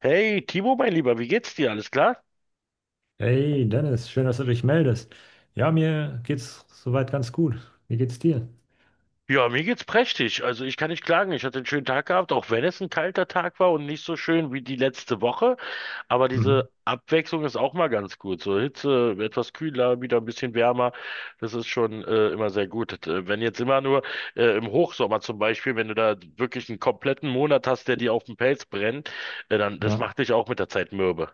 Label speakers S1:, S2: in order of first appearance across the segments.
S1: Hey, Timo, mein Lieber, wie geht's dir? Alles klar?
S2: Hey Dennis, schön, dass du dich meldest. Ja, mir geht's soweit ganz gut. Wie geht's dir?
S1: Ja, mir geht's prächtig. Also ich kann nicht klagen. Ich hatte einen schönen Tag gehabt, auch wenn es ein kalter Tag war und nicht so schön wie die letzte Woche. Aber
S2: Mhm.
S1: diese Abwechslung ist auch mal ganz gut. So Hitze, etwas kühler, wieder ein bisschen wärmer. Das ist schon immer sehr gut. Wenn jetzt immer nur im Hochsommer zum Beispiel, wenn du da wirklich einen kompletten Monat hast, der dir auf den Pelz brennt, dann das
S2: Ja,
S1: macht dich auch mit der Zeit mürbe.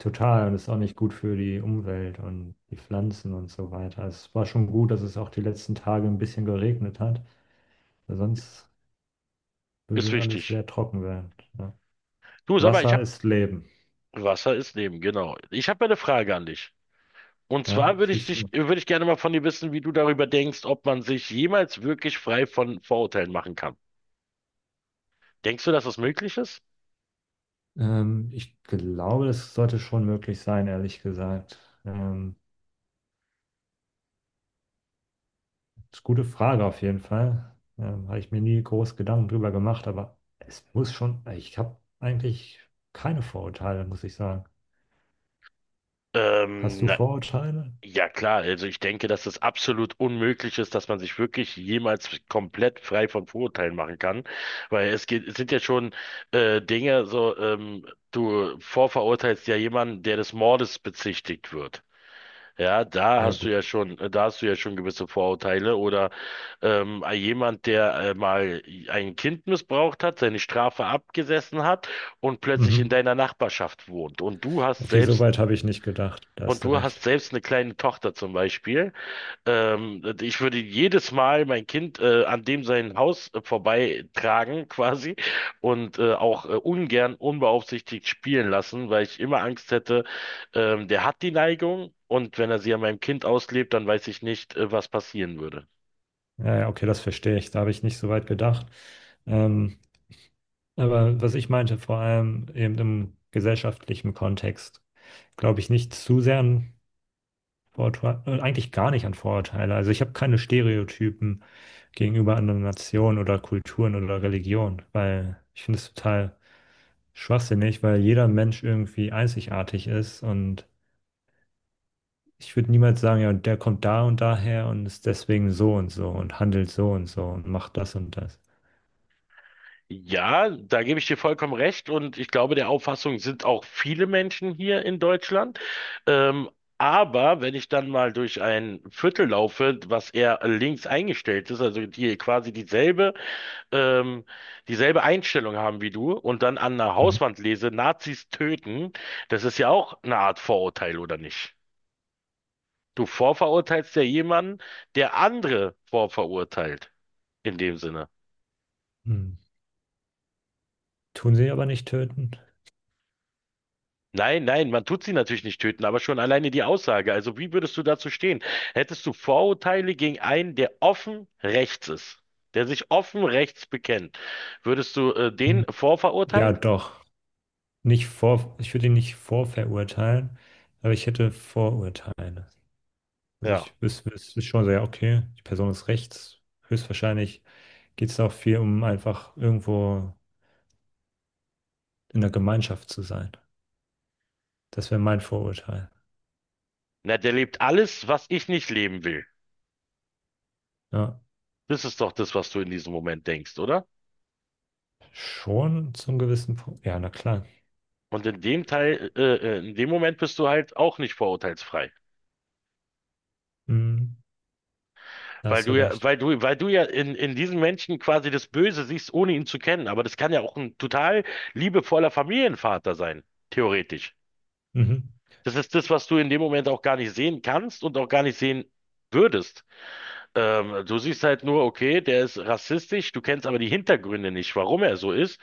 S2: total. Und ist auch nicht gut für die Umwelt und die Pflanzen und so weiter. Es war schon gut, dass es auch die letzten Tage ein bisschen geregnet hat, weil sonst
S1: Ist
S2: würde alles
S1: wichtig.
S2: sehr trocken werden. Ja.
S1: Du, sag mal, ich
S2: Wasser
S1: hab
S2: ist Leben.
S1: Wasser ist Leben, genau. Ich habe eine Frage an dich. Und
S2: Ja,
S1: zwar
S2: schieß los.
S1: würde ich gerne mal von dir wissen, wie du darüber denkst, ob man sich jemals wirklich frei von Vorurteilen machen kann. Denkst du, dass das möglich ist?
S2: Ich glaube, das sollte schon möglich sein, ehrlich gesagt. Ähm, Das ist eine gute Frage auf jeden Fall. Habe ich mir nie groß Gedanken drüber gemacht, aber es muss schon, ich habe eigentlich keine Vorurteile, muss ich sagen. Hast
S1: Ähm,
S2: du
S1: na,
S2: Vorurteile?
S1: ja klar, also ich denke, dass das absolut unmöglich ist, dass man sich wirklich jemals komplett frei von Vorurteilen machen kann, weil es sind ja schon Dinge, du vorverurteilst ja jemanden, der des Mordes bezichtigt wird. Ja,
S2: Ja, gut.
S1: da hast du ja schon gewisse Vorurteile. Oder jemand, der mal ein Kind missbraucht hat, seine Strafe abgesessen hat und plötzlich in
S2: Mhm.
S1: deiner Nachbarschaft wohnt.
S2: Okay, so weit habe ich nicht gedacht. Da
S1: Und
S2: hast du
S1: du hast
S2: recht.
S1: selbst eine kleine Tochter zum Beispiel. Ich würde jedes Mal mein Kind an dem sein Haus vorbeitragen quasi und auch ungern unbeaufsichtigt spielen lassen, weil ich immer Angst hätte, der hat die Neigung. Und wenn er sie an meinem Kind auslebt, dann weiß ich nicht, was passieren würde.
S2: Ja, ja, okay, das verstehe ich. Da habe ich nicht so weit gedacht. Ähm, aber was ich meinte, vor allem eben im gesellschaftlichen Kontext, glaube ich nicht zu sehr Vorurteile, eigentlich gar nicht an Vorurteile. Also ich habe keine Stereotypen gegenüber anderen Nationen oder Kulturen oder Religionen, weil ich finde es total schwachsinnig, weil jeder Mensch irgendwie einzigartig ist und ich würde niemals sagen, ja, der kommt da und daher und ist deswegen so und so und handelt so und so und macht das und das.
S1: Ja, da gebe ich dir vollkommen recht, und ich glaube, der Auffassung sind auch viele Menschen hier in Deutschland. Ähm, aber wenn ich dann mal durch ein Viertel laufe, was eher links eingestellt ist, also die quasi ähm, dieselbe Einstellung haben wie du, und dann an der
S2: Mhm.
S1: Hauswand lese, Nazis töten, das ist ja auch eine Art Vorurteil, oder nicht? Du vorverurteilst ja jemanden, der andere vorverurteilt, in dem Sinne.
S2: Mhm. Tun sie aber nicht töten?
S1: Nein, nein, man tut sie natürlich nicht töten, aber schon alleine die Aussage. Also wie würdest du dazu stehen? Hättest du Vorurteile gegen einen, der offen rechts ist, der sich offen rechts bekennt, würdest du den
S2: Mhm. Ja,
S1: vorverurteilen?
S2: doch. Nicht vor, ich würde ihn nicht vorverurteilen, aber ich hätte Vorurteile. Also
S1: Ja.
S2: ich wüsste schon so, ja, okay, die Person ist rechts. Höchstwahrscheinlich geht es auch viel um einfach irgendwo in der Gemeinschaft zu sein. Das wäre mein Vorurteil.
S1: Na, der lebt alles, was ich nicht leben will.
S2: Ja,
S1: Das ist doch das, was du in diesem Moment denkst, oder?
S2: schon zum gewissen Punkt. Ja, na klar.
S1: Und in dem Moment bist du halt auch nicht vorurteilsfrei.
S2: Mhm, da hast du recht.
S1: Weil du ja in diesen Menschen quasi das Böse siehst, ohne ihn zu kennen. Aber das kann ja auch ein total liebevoller Familienvater sein, theoretisch.
S2: Mhm,
S1: Das ist das, was du in dem Moment auch gar nicht sehen kannst und auch gar nicht sehen würdest. Du siehst halt nur, okay, der ist rassistisch, du kennst aber die Hintergründe nicht, warum er so ist.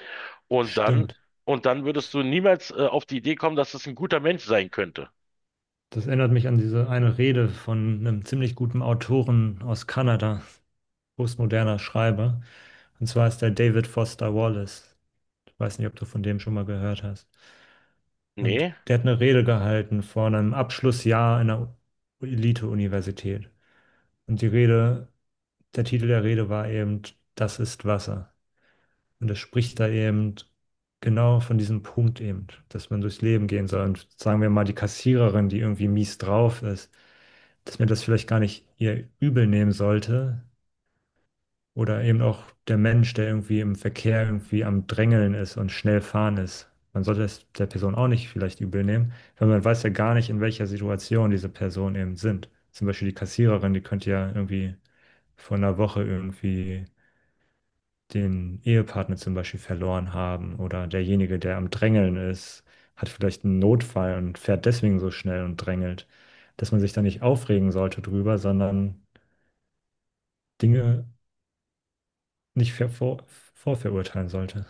S1: Und dann,
S2: stimmt.
S1: und dann würdest du niemals, auf die Idee kommen, dass es ein guter Mensch sein könnte.
S2: Das erinnert mich an diese eine Rede von einem ziemlich guten Autoren aus Kanada, postmoderner Schreiber. Und zwar ist der David Foster Wallace. Ich weiß nicht, ob du von dem schon mal gehört hast. Und
S1: Nee,
S2: der hat eine Rede gehalten vor einem Abschlussjahr einer Elite-Universität. Und die Rede, der Titel der Rede war eben, das ist Wasser. Und er spricht da eben genau von diesem Punkt eben, dass man durchs Leben gehen soll. Und sagen wir mal, die Kassiererin, die irgendwie mies drauf ist, dass man das vielleicht gar nicht ihr übel nehmen sollte, oder eben auch der Mensch, der irgendwie im Verkehr irgendwie am Drängeln ist und schnell fahren ist. Man sollte es der Person auch nicht vielleicht übel nehmen, weil man weiß ja gar nicht, in welcher Situation diese Personen eben sind. Zum Beispiel die Kassiererin, die könnte ja irgendwie vor einer Woche irgendwie den Ehepartner zum Beispiel verloren haben. Oder derjenige, der am Drängeln ist, hat vielleicht einen Notfall und fährt deswegen so schnell und drängelt. Dass man sich da nicht aufregen sollte drüber, sondern Dinge nicht vorverurteilen sollte,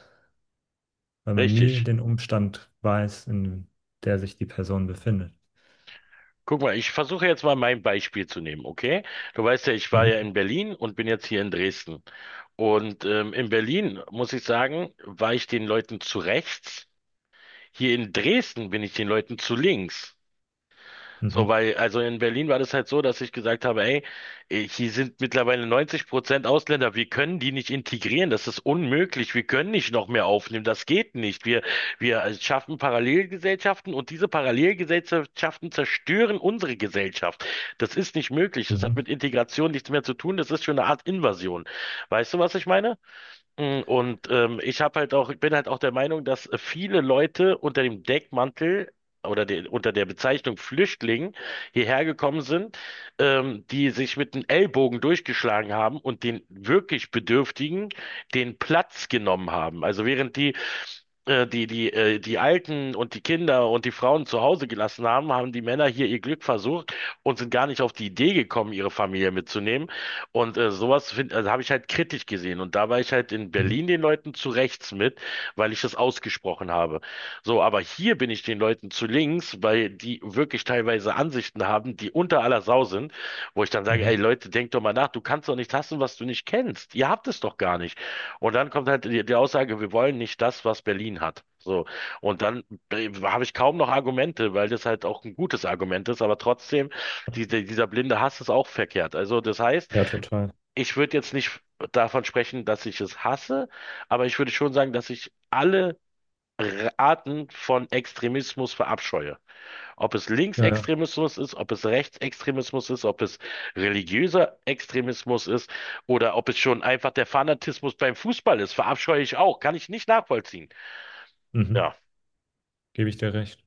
S2: weil man nie
S1: richtig.
S2: den Umstand weiß, in der sich die Person befindet.
S1: Guck mal, ich versuche jetzt mal mein Beispiel zu nehmen, okay? Du weißt ja, ich war
S2: Mhm.
S1: ja in Berlin und bin jetzt hier in Dresden. Und in Berlin, muss ich sagen, war ich den Leuten zu rechts. Hier in Dresden bin ich den Leuten zu links.
S2: Mhm.
S1: Also in Berlin war das halt so, dass ich gesagt habe, ey, eh, hier sind mittlerweile 90% Ausländer, wir können die nicht integrieren, das ist unmöglich, wir können nicht noch mehr aufnehmen, das geht nicht. Wir schaffen Parallelgesellschaften, und diese Parallelgesellschaften zerstören unsere Gesellschaft. Das ist nicht möglich, das hat
S2: Mhm.
S1: mit Integration nichts mehr zu tun, das ist schon eine Art Invasion. Weißt du, was ich meine? Und ich bin halt auch der Meinung, dass viele Leute unter dem Deckmantel unter der Bezeichnung Flüchtling hierher gekommen sind, die sich mit dem Ellbogen durchgeschlagen haben und den wirklich Bedürftigen den Platz genommen haben. Also während die Alten und die Kinder und die Frauen zu Hause gelassen haben, haben die Männer hier ihr Glück versucht und sind gar nicht auf die Idee gekommen, ihre Familie mitzunehmen. Und also habe ich halt kritisch gesehen. Und da war ich halt in
S2: Mhm.
S1: Berlin den Leuten zu rechts mit, weil ich das ausgesprochen habe. So, aber hier bin ich den Leuten zu links, weil die wirklich teilweise Ansichten haben, die unter aller Sau sind, wo ich dann sage, ey
S2: Mhm.
S1: Leute, denkt doch mal nach, du kannst doch nicht hassen, was du nicht kennst. Ihr habt es doch gar nicht. Und dann kommt halt die Aussage, wir wollen nicht das, was Berlin hat. So. Und dann habe ich kaum noch Argumente, weil das halt auch ein gutes Argument ist, aber trotzdem, dieser blinde Hass ist auch verkehrt. Also das heißt,
S2: Ja, total.
S1: ich würde jetzt nicht davon sprechen, dass ich es hasse, aber ich würde schon sagen, dass ich alle Arten von Extremismus verabscheue. Ob es
S2: Ja, ja.
S1: Linksextremismus ist, ob es Rechtsextremismus ist, ob es religiöser Extremismus ist, oder ob es schon einfach der Fanatismus beim Fußball ist, verabscheue ich auch, kann ich nicht nachvollziehen.
S2: Mhm.
S1: Ja,
S2: Gebe ich dir recht.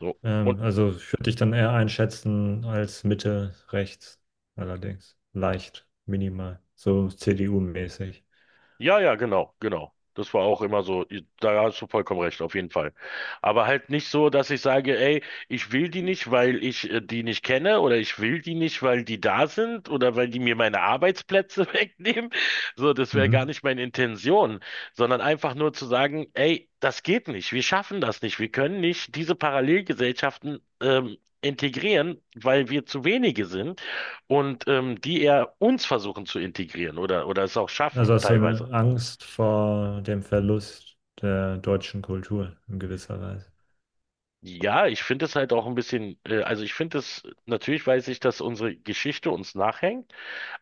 S1: so. Und
S2: Also ich würde dich dann eher einschätzen als Mitte rechts, allerdings leicht, minimal, so CDU-mäßig.
S1: ja, ja, genau, genau. Das war auch immer so, da hast du vollkommen recht, auf jeden Fall. Aber halt nicht so, dass ich sage, ey, ich will die nicht, weil ich die nicht kenne, oder ich will die nicht, weil die da sind oder weil die mir meine Arbeitsplätze wegnehmen. So, das wäre gar
S2: Mhm.
S1: nicht meine Intention, sondern einfach nur zu sagen, ey, das geht nicht, wir schaffen das nicht, wir können nicht diese Parallelgesellschaften integrieren, weil wir zu wenige sind und die eher uns versuchen zu integrieren oder es auch schaffen,
S2: Also hast du eine
S1: teilweise.
S2: Angst vor dem Verlust der deutschen Kultur in gewisser Weise.
S1: Ja, ich finde es halt auch ein bisschen, natürlich weiß ich, dass unsere Geschichte uns nachhängt,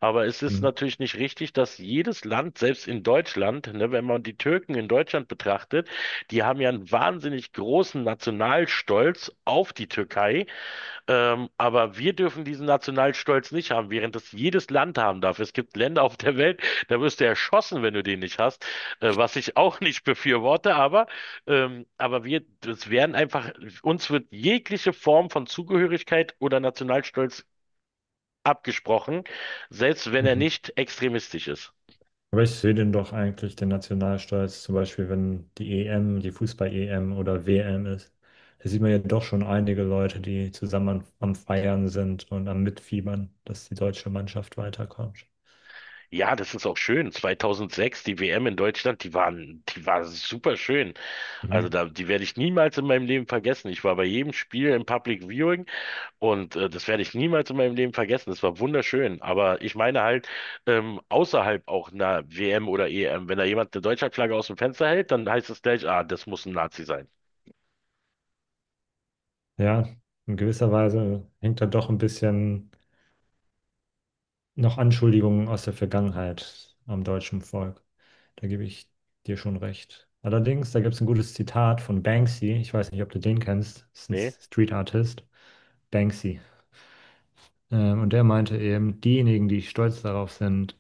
S1: aber es ist
S2: Mhm.
S1: natürlich nicht richtig, dass jedes Land, selbst in Deutschland, ne, wenn man die Türken in Deutschland betrachtet, die haben ja einen wahnsinnig großen Nationalstolz auf die Türkei, aber wir dürfen diesen Nationalstolz nicht haben, während das jedes Land haben darf. Es gibt Länder auf der Welt, da wirst du erschossen, wenn du den nicht hast, was ich auch nicht befürworte, aber wir, das werden einfach, uns wird jegliche Form von Zugehörigkeit oder Nationalstolz abgesprochen, selbst wenn er
S2: Mhm.
S1: nicht extremistisch ist.
S2: Aber ich sehe den doch eigentlich, den Nationalstolz, zum Beispiel, wenn die EM, die Fußball-EM oder WM ist. Da sieht man ja doch schon einige Leute, die zusammen am, am Feiern sind und am Mitfiebern, dass die deutsche Mannschaft weiterkommt.
S1: Ja, das ist auch schön. 2006, die WM in Deutschland, die war super schön. Also
S2: Mhm.
S1: da, die werde ich niemals in meinem Leben vergessen. Ich war bei jedem Spiel im Public Viewing. Und das werde ich niemals in meinem Leben vergessen. Das war wunderschön. Aber ich meine halt, außerhalb auch einer WM oder EM, wenn da jemand eine Deutschlandflagge aus dem Fenster hält, dann heißt es gleich, ah, das muss ein Nazi sein.
S2: Ja, in gewisser Weise hängt da doch ein bisschen noch Anschuldigungen aus der Vergangenheit am deutschen Volk. Da gebe ich dir schon recht. Allerdings, da gibt es ein gutes Zitat von Banksy. Ich weiß nicht, ob du den kennst. Das ist ein
S1: Nee?
S2: Street Artist. Banksy. Und der meinte eben, diejenigen, die stolz darauf sind,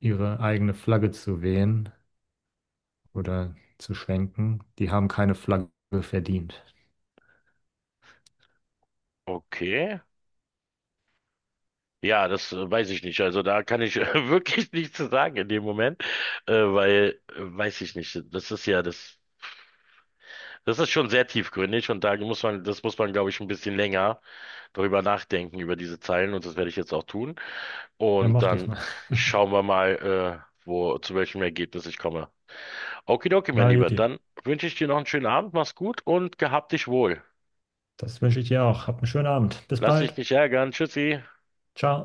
S2: ihre eigene Flagge zu wehen oder zu schwenken, die haben keine Flagge verdient.
S1: Okay. Ja, das weiß ich nicht. Also da kann ich wirklich nichts zu sagen in dem Moment, weiß ich nicht, das ist schon sehr tiefgründig, und da muss man, das muss man, glaube ich, ein bisschen länger darüber nachdenken, über diese Zeilen, und das werde ich jetzt auch tun.
S2: Dann
S1: Und
S2: mach das
S1: dann
S2: mal.
S1: schauen wir mal, zu welchem Ergebnis ich komme. Okidoki, mein
S2: Na,
S1: Lieber,
S2: juti,
S1: dann wünsche ich dir noch einen schönen Abend, mach's gut und gehabt dich wohl.
S2: das wünsche ich dir auch. Habt einen schönen Abend. Bis
S1: Lass dich
S2: bald.
S1: nicht ärgern, tschüssi.
S2: Ciao.